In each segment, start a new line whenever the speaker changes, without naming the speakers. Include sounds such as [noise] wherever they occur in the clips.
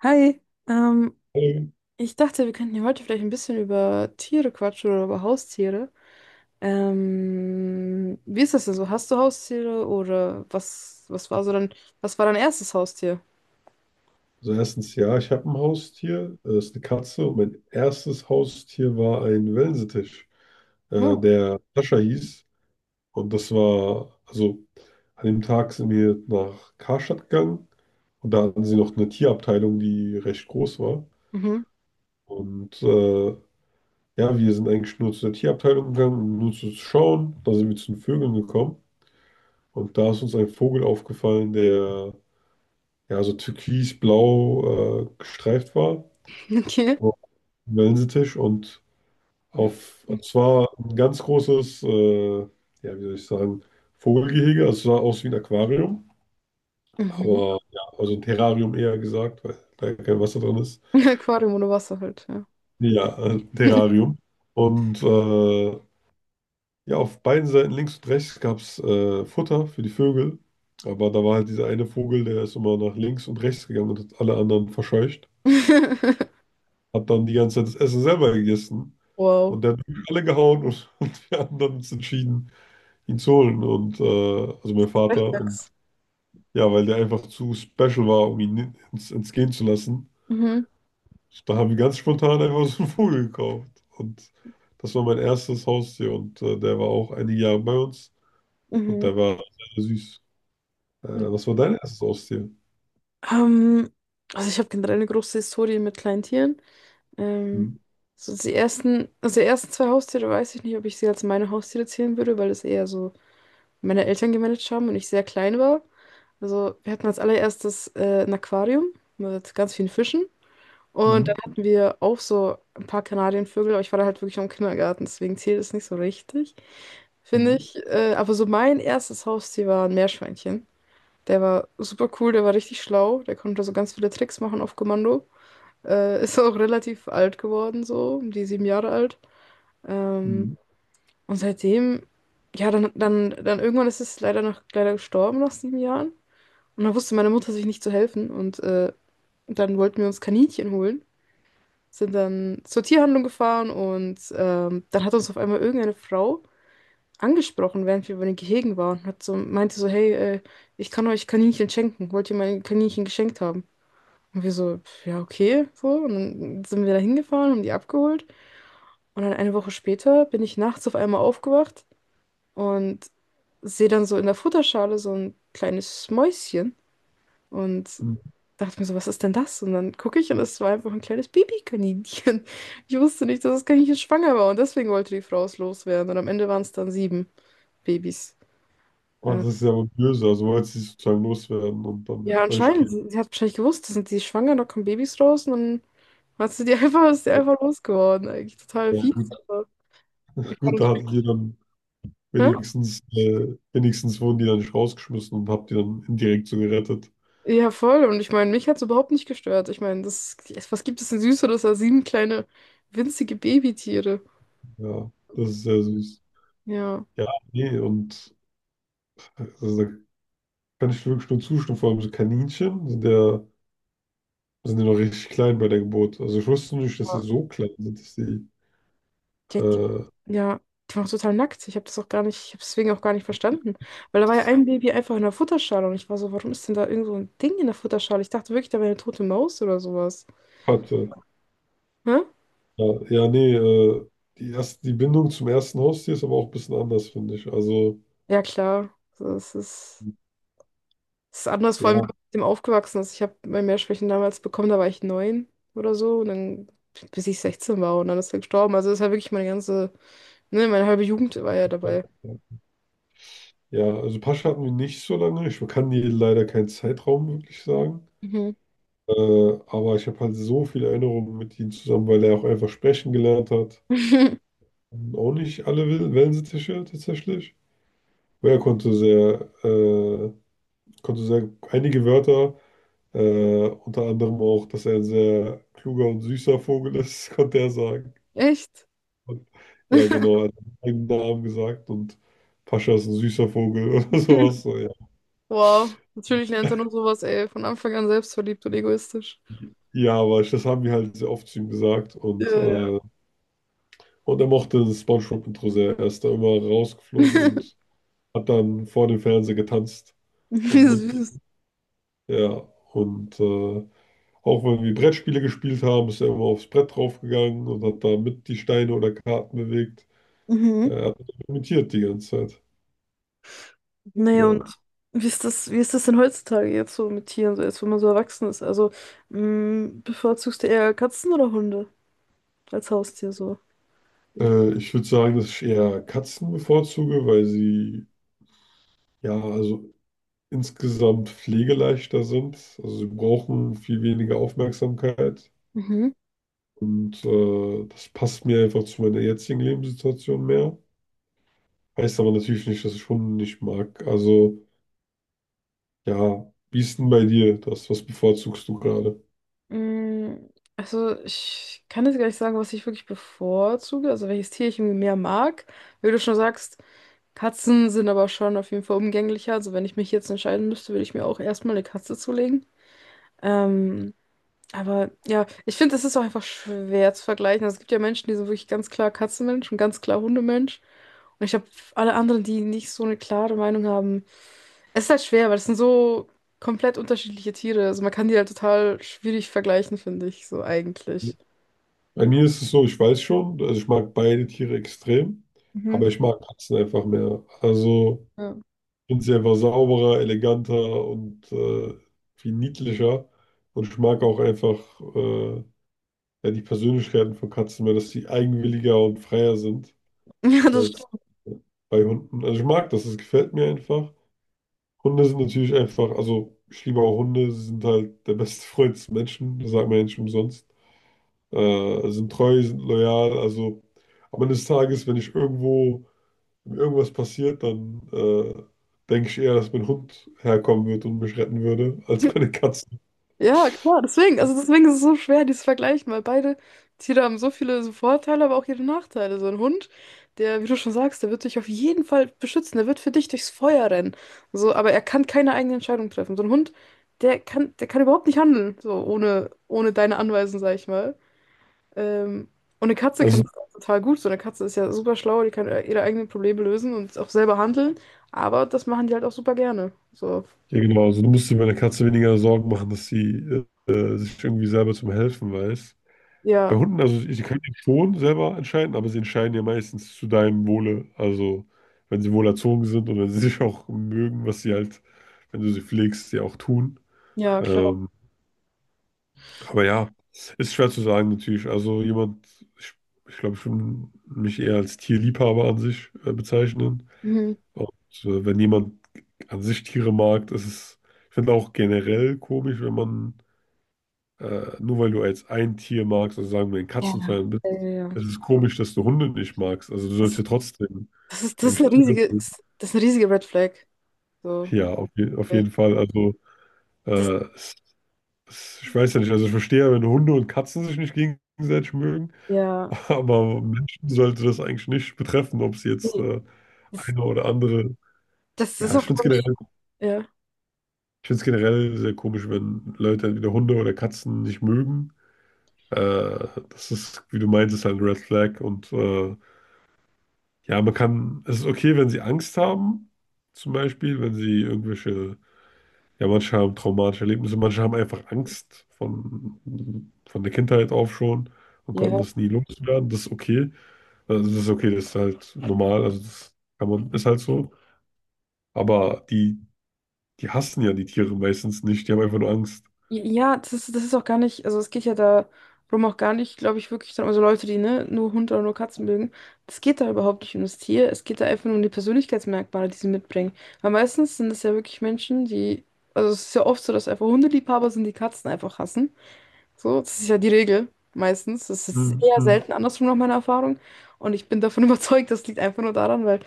Hi, ähm,
Ähm,
ich dachte, wir könnten hier heute vielleicht ein bisschen über Tiere quatschen oder über Haustiere. Wie ist das denn so? Hast du Haustiere oder was war so was war dein erstes Haustier?
Also erstens, ja, ich habe ein Haustier, das ist eine Katze und mein erstes Haustier war ein Wellensittich,
Oh,
der Sascha hieß. Und das war, also an dem Tag sind wir nach Karstadt gegangen und da hatten sie noch eine Tierabteilung, die recht groß war.
mhm,
Und ja, wir sind eigentlich nur zu der Tierabteilung gegangen, um nur zu schauen. Da sind wir zu den Vögeln gekommen und da ist uns ein Vogel aufgefallen, der ja so türkisblau gestreift war.
[laughs] okay.
Wellensittisch und auf, es war ein ganz großes, ja, wie soll ich sagen, Vogelgehege. Also es sah aus wie ein Aquarium,
Mhm.
aber ja, also ein Terrarium eher gesagt, weil da kein Wasser drin ist.
[laughs] Aquarium ohne Wasser halt, ja.
Nee, ja, ein Terrarium. Und ja, auf beiden Seiten, links und rechts, gab es Futter für die Vögel. Aber da war halt dieser eine Vogel, der ist immer nach links und rechts gegangen und hat alle anderen verscheucht.
[laughs]
Hat dann die ganze Zeit das Essen selber gegessen.
Wow.
Und der hat alle gehauen und, [laughs] und wir anderen uns entschieden, ihn zu holen. Und also mein
Echt
Vater. Und
jetzt?
ja, weil der einfach zu special war, um ihn ins, ins gehen zu lassen.
Mhm,
Da haben wir ganz spontan einfach so einen Vogel gekauft. Und das war mein erstes Haustier. Und der war auch einige Jahre bei uns. Und
mhm.
der war sehr süß. Was war dein erstes Haustier?
Ähm, also ich habe generell eine große Historie mit kleinen Tieren. Ähm,
Mhm.
so die ersten, also die ersten zwei Haustiere weiß ich nicht, ob ich sie als meine Haustiere zählen würde, weil das eher so meine Eltern gemanagt haben und ich sehr klein war. Also wir hatten als allererstes ein Aquarium mit ganz vielen Fischen. Und
Mhm.
dann hatten wir auch so ein paar Kanarienvögel, aber ich war da halt wirklich noch im Kindergarten, deswegen zählt es nicht so richtig, finde
Mhm.
ich. Aber so mein erstes Haustier war ein Meerschweinchen. Der war super cool, der war richtig schlau, der konnte so ganz viele Tricks machen auf Kommando. Ist auch relativ alt geworden, so, um die sieben Jahre alt. Ähm,
Mhm.
und seitdem, ja, dann irgendwann ist es leider noch leider gestorben nach sieben Jahren. Und dann wusste meine Mutter sich nicht zu helfen. Und dann wollten wir uns Kaninchen holen. Sind dann zur Tierhandlung gefahren und dann hat uns auf einmal irgendeine Frau angesprochen, während wir über den Gehegen waren. Hat so, meinte so, hey, ich kann euch Kaninchen schenken. Wollt ihr meine Kaninchen geschenkt haben? Und wir so, ja, okay, so. Und dann sind wir da hingefahren, haben die abgeholt. Und dann eine Woche später bin ich nachts auf einmal aufgewacht und sehe dann so in der Futterschale so ein kleines Mäuschen und
Mhm.
dachte mir so, was ist denn das? Und dann gucke ich und es war einfach ein kleines Babykaninchen. [laughs] Ich wusste nicht, dass das Kaninchen schwanger war und deswegen wollte die Frau es loswerden. Und am Ende waren es dann sieben Babys.
Oh,
Äh,
das ist ja wohl böse. Also wollt ihr sozusagen loswerden und dann
ja,
euch
anscheinend.
geben.
Sie hat wahrscheinlich gewusst, da sind die schwanger, da kommen Babys raus und dann hat sie die [laughs] einfach, ist die einfach losgeworden. Eigentlich total
Ja,
fies,
gut,
aber ich war
gut, da
natürlich.
hattet ihr dann.
Hä?
Wenigstens, wenigstens wurden die dann nicht rausgeschmissen und hab die dann indirekt so gerettet.
Ja, voll. Und ich meine, mich hat es überhaupt nicht gestört. Ich meine, das, was gibt es denn Süßeres als sieben kleine, winzige Babytiere?
Ja, das ist sehr süß.
Ja.
Ja, nee, und also, da kann ich wirklich nur zustimmen. Vor allem so Kaninchen sind ja noch richtig klein bei der Geburt. Also ich wusste nicht, dass sie
Ja.
so klein sind, dass sie
Die, die,
äh,
Ja, die waren auch total nackt. Ich habe das auch gar nicht, ich habe deswegen auch gar nicht verstanden. Weil da war ja ein Baby einfach in der Futterschale und ich war so, warum ist denn da irgend so ein Ding in der Futterschale? Ich dachte wirklich, da wäre eine tote Maus oder sowas.
hatte.
Hä?
Ja, ja, nee, die erste, die Bindung zum ersten Haustier ist aber auch ein bisschen anders, finde ich. Also,
Ja, klar. Das ist. Das ist anders, vor allem, wenn
ja,
man mit dem aufgewachsen ist. Ich habe mein Mehrschwächen damals bekommen, da war ich neun oder so. Und dann, bis ich 16 war und dann ist er gestorben. Also das ist ja wirklich meine ganze, ne, meine halbe Jugend war ja
ja,
dabei.
ja, also Pascha hatten wir nicht so lange. Ich kann dir leider keinen Zeitraum wirklich sagen.
Mhm.
Aber ich habe halt so viele Erinnerungen mit ihm zusammen, weil er auch einfach sprechen gelernt hat.
[laughs]
Auch nicht alle Wellensittiche tatsächlich. Aber er konnte sehr einige Wörter, unter anderem auch, dass er ein sehr kluger und süßer Vogel ist, [laughs] konnte er sagen.
Echt?
Und, ja, genau, er
[laughs]
hat einen eigenen Namen gesagt und Pascha ist ein süßer Vogel [laughs] oder sowas. So, ja.
Wow. Natürlich lernt er nur sowas, ey, von Anfang an selbstverliebt und egoistisch.
Ja, aber das haben wir halt sehr oft zu ihm gesagt
Ja,
und
ja.
und er mochte das SpongeBob-Intro sehr. Er ist da immer rausgeflogen
[laughs]
und hat dann vor dem Fernseher getanzt
Wie
und mit.
süß.
Ja, und auch wenn wir Brettspiele gespielt haben, ist er immer aufs Brett draufgegangen und hat da mit die Steine oder Karten bewegt.
Mhm.
Er hat das imitiert die ganze Zeit.
Naja, und
Ja.
wie ist das denn heutzutage jetzt so mit Tieren, so jetzt, wenn man so erwachsen ist? Also, mh, bevorzugst du eher Katzen oder Hunde? Als Haustier so.
Ich würde sagen, dass ich eher Katzen bevorzuge, weil sie ja, also insgesamt pflegeleichter sind. Also sie brauchen viel weniger Aufmerksamkeit.
Mhm.
Und das passt mir einfach zu meiner jetzigen Lebenssituation mehr. Heißt aber natürlich nicht, dass ich Hunde nicht mag. Also, ja, wie ist denn bei dir das? Was bevorzugst du gerade?
Mm, also ich kann jetzt gar nicht sagen, was ich wirklich bevorzuge, also welches Tier ich irgendwie mehr mag. Wie du schon sagst, Katzen sind aber schon auf jeden Fall umgänglicher. Also wenn ich mich jetzt entscheiden müsste, würde ich mir auch erstmal eine Katze zulegen. Ähm, aber ja, ich finde, das ist auch einfach schwer zu vergleichen. Also, es gibt ja Menschen, die sind wirklich ganz klar Katzenmensch und ganz klar Hundemensch. Und ich habe alle anderen, die nicht so eine klare Meinung haben. Es ist halt schwer, weil es sind so komplett unterschiedliche Tiere. Also man kann die halt total schwierig vergleichen, finde ich, so
Also,
eigentlich.
bei mir ist es so, ich weiß schon, also ich mag beide Tiere extrem,
Mhm.
aber ich mag Katzen einfach mehr. Also,
Ja.
ich finde sie einfach sauberer, eleganter und viel niedlicher. Und ich mag auch einfach äh, ja, die Persönlichkeiten von Katzen mehr, dass sie eigenwilliger und freier sind.
[laughs] Ja, das
Als
stimmt.
bei Hunden. Also ich mag das, es gefällt mir einfach. Hunde sind natürlich einfach, also ich liebe auch Hunde, sie sind halt der beste [laughs] Freund des Menschen, das sagt man ja nicht umsonst. Sind treu, sind loyal, also am Ende des Tages, wenn ich irgendwo, wenn mir irgendwas passiert, dann denke ich eher, dass mein Hund herkommen wird und mich retten würde, [laughs] als meine Katze.
Ja, klar, deswegen, also deswegen ist es so schwer, die zu vergleichen, weil beide Tiere haben so viele so Vorteile, aber auch ihre Nachteile. So ein Hund, der, wie du schon sagst, der wird dich auf jeden Fall beschützen, der wird für dich durchs Feuer rennen. So, aber er kann keine eigene Entscheidung treffen. So ein Hund, der kann überhaupt nicht handeln, so ohne deine Anweisung, sag ich mal. Ähm, und eine Katze kann
Also,
das auch total gut. So eine Katze ist ja super schlau, die kann ihre eigenen Probleme lösen und auch selber handeln. Aber das machen die halt auch super gerne. So,
ja genau, also du musst dir bei einer Katze weniger Sorgen machen, dass sie sich irgendwie selber zum Helfen weiß. Bei
ja,
Hunden, also sie können ja schon selber entscheiden, aber sie entscheiden ja meistens zu deinem Wohle. Also wenn sie wohl erzogen sind und wenn sie [laughs] sich auch mögen, was sie halt, wenn du sie pflegst, sie auch tun.
ja, klar.
Ähm, aber ja, ist schwer zu sagen natürlich. Also jemand, ich, ich glaube, ich würde mich eher als Tierliebhaber an sich bezeichnen.
Mhm.
Und wenn jemand an sich Tiere mag, das ist, ich finde auch generell komisch, wenn man nur weil du jetzt ein Tier magst, also sagen wir ein
Ja.
Katzenfan bist,
Ja, ja, ja.
es ist komisch, dass du Hunde nicht magst. Also du sollst
Das,
ja trotzdem
das ist
eigentlich
eine
Tiere
riesige,
mögen.
das ist eine riesige Red Flag. So,
Ja, auf, je auf
äh,
jeden Fall. Also
das,
äh, es, es, ich weiß ja nicht, also ich verstehe, ja, wenn Hunde und Katzen sich nicht gegenseitig mögen,
ja,
[laughs] aber Menschen sollte das eigentlich nicht betreffen, ob es jetzt
nee, das,
eine oder andere.
das das
Ja,
ist
ich
auch,
finde es
glaube ich,
generell,
ja.
ich find's generell sehr komisch, wenn Leute entweder Hunde oder Katzen nicht mögen. Das ist, wie du meintest, halt ein Red Flag und ja, man kann, es ist okay, wenn sie Angst haben, zum Beispiel, wenn sie irgendwelche, ja, manche haben traumatische Erlebnisse, manche haben einfach Angst von der Kindheit auf schon und konnten
Ja.
das nie loswerden, das ist okay. Also das ist okay, das ist halt normal, also das kann man, ist halt so. Aber die, die hassen ja die Tiere meistens nicht, die haben einfach nur Angst.
Ja, das ist auch gar nicht, also es geht ja darum auch gar nicht, glaube ich, wirklich dann, also Leute, die ne, nur Hunde oder nur Katzen mögen, das geht da überhaupt nicht um das Tier, es geht da einfach nur um die Persönlichkeitsmerkmale, die sie mitbringen. Weil meistens sind es ja wirklich Menschen, die, also es ist ja oft so, dass einfach Hundeliebhaber sind, die Katzen einfach hassen. So, das ist ja die Regel meistens. Das ist eher
Mhm.
selten andersrum nach meiner Erfahrung. Und ich bin davon [laughs] überzeugt, das liegt einfach nur daran, weil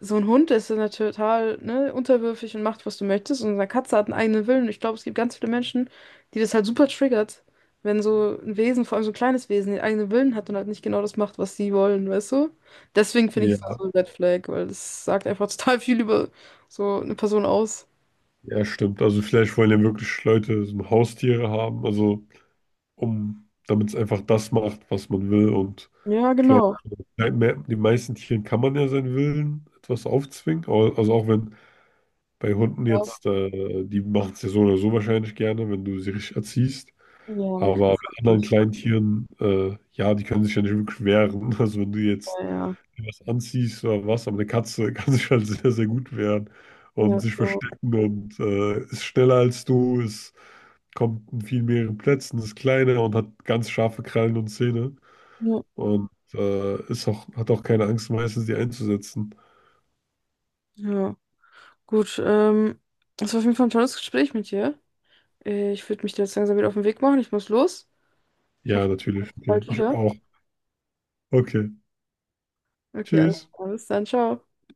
so ein Hund ist ja total, ne, unterwürfig und macht, was du möchtest. Und eine Katze hat einen eigenen Willen. Und ich glaube, es gibt ganz viele Menschen, die das halt super triggert, wenn so ein Wesen, vor allem so ein kleines Wesen, den eigenen Willen hat und halt nicht genau das macht, was sie wollen, weißt du? Deswegen finde ich es auch
Ja,
so ein Red Flag, weil das sagt einfach [laughs] total viel über so eine Person aus.
ja, stimmt. Also vielleicht wollen ja wirklich Leute so Haustiere haben, also um, damit es einfach das macht, was man will. Und
Ja,
ich glaube,
genau.
den meisten Tieren kann man ja seinen Willen etwas aufzwingen. Also auch wenn bei Hunden jetzt, die machen es ja so oder so wahrscheinlich gerne, wenn du sie richtig erziehst.
Ja, Amerikaner.
Aber bei anderen
Ja,
kleinen Tieren, ja, die können sich ja nicht wirklich wehren. [laughs] Also wenn du jetzt
ja.
was anziehst oder was, aber eine Katze [laughs] kann sich halt sehr, sehr gut wehren und
Ja,
sich
genau.
verstecken und ist schneller als du, ist kommt in viel mehreren Plätzen, ist kleiner und hat ganz scharfe Krallen und Zähne
Ja.
und ist auch, hat auch keine Angst, meistens die einzusetzen.
Ja, gut. Das war auf jeden Fall ein tolles Gespräch mit dir. Ich würde mich da jetzt langsam wieder auf den Weg machen. Ich muss los. Ich
Ja,
hoffe, wir sehen
natürlich.
uns
Okay.
bald
Ich
wieder.
auch. Okay.
Okay,
Tschüss.
alles dann, ciao.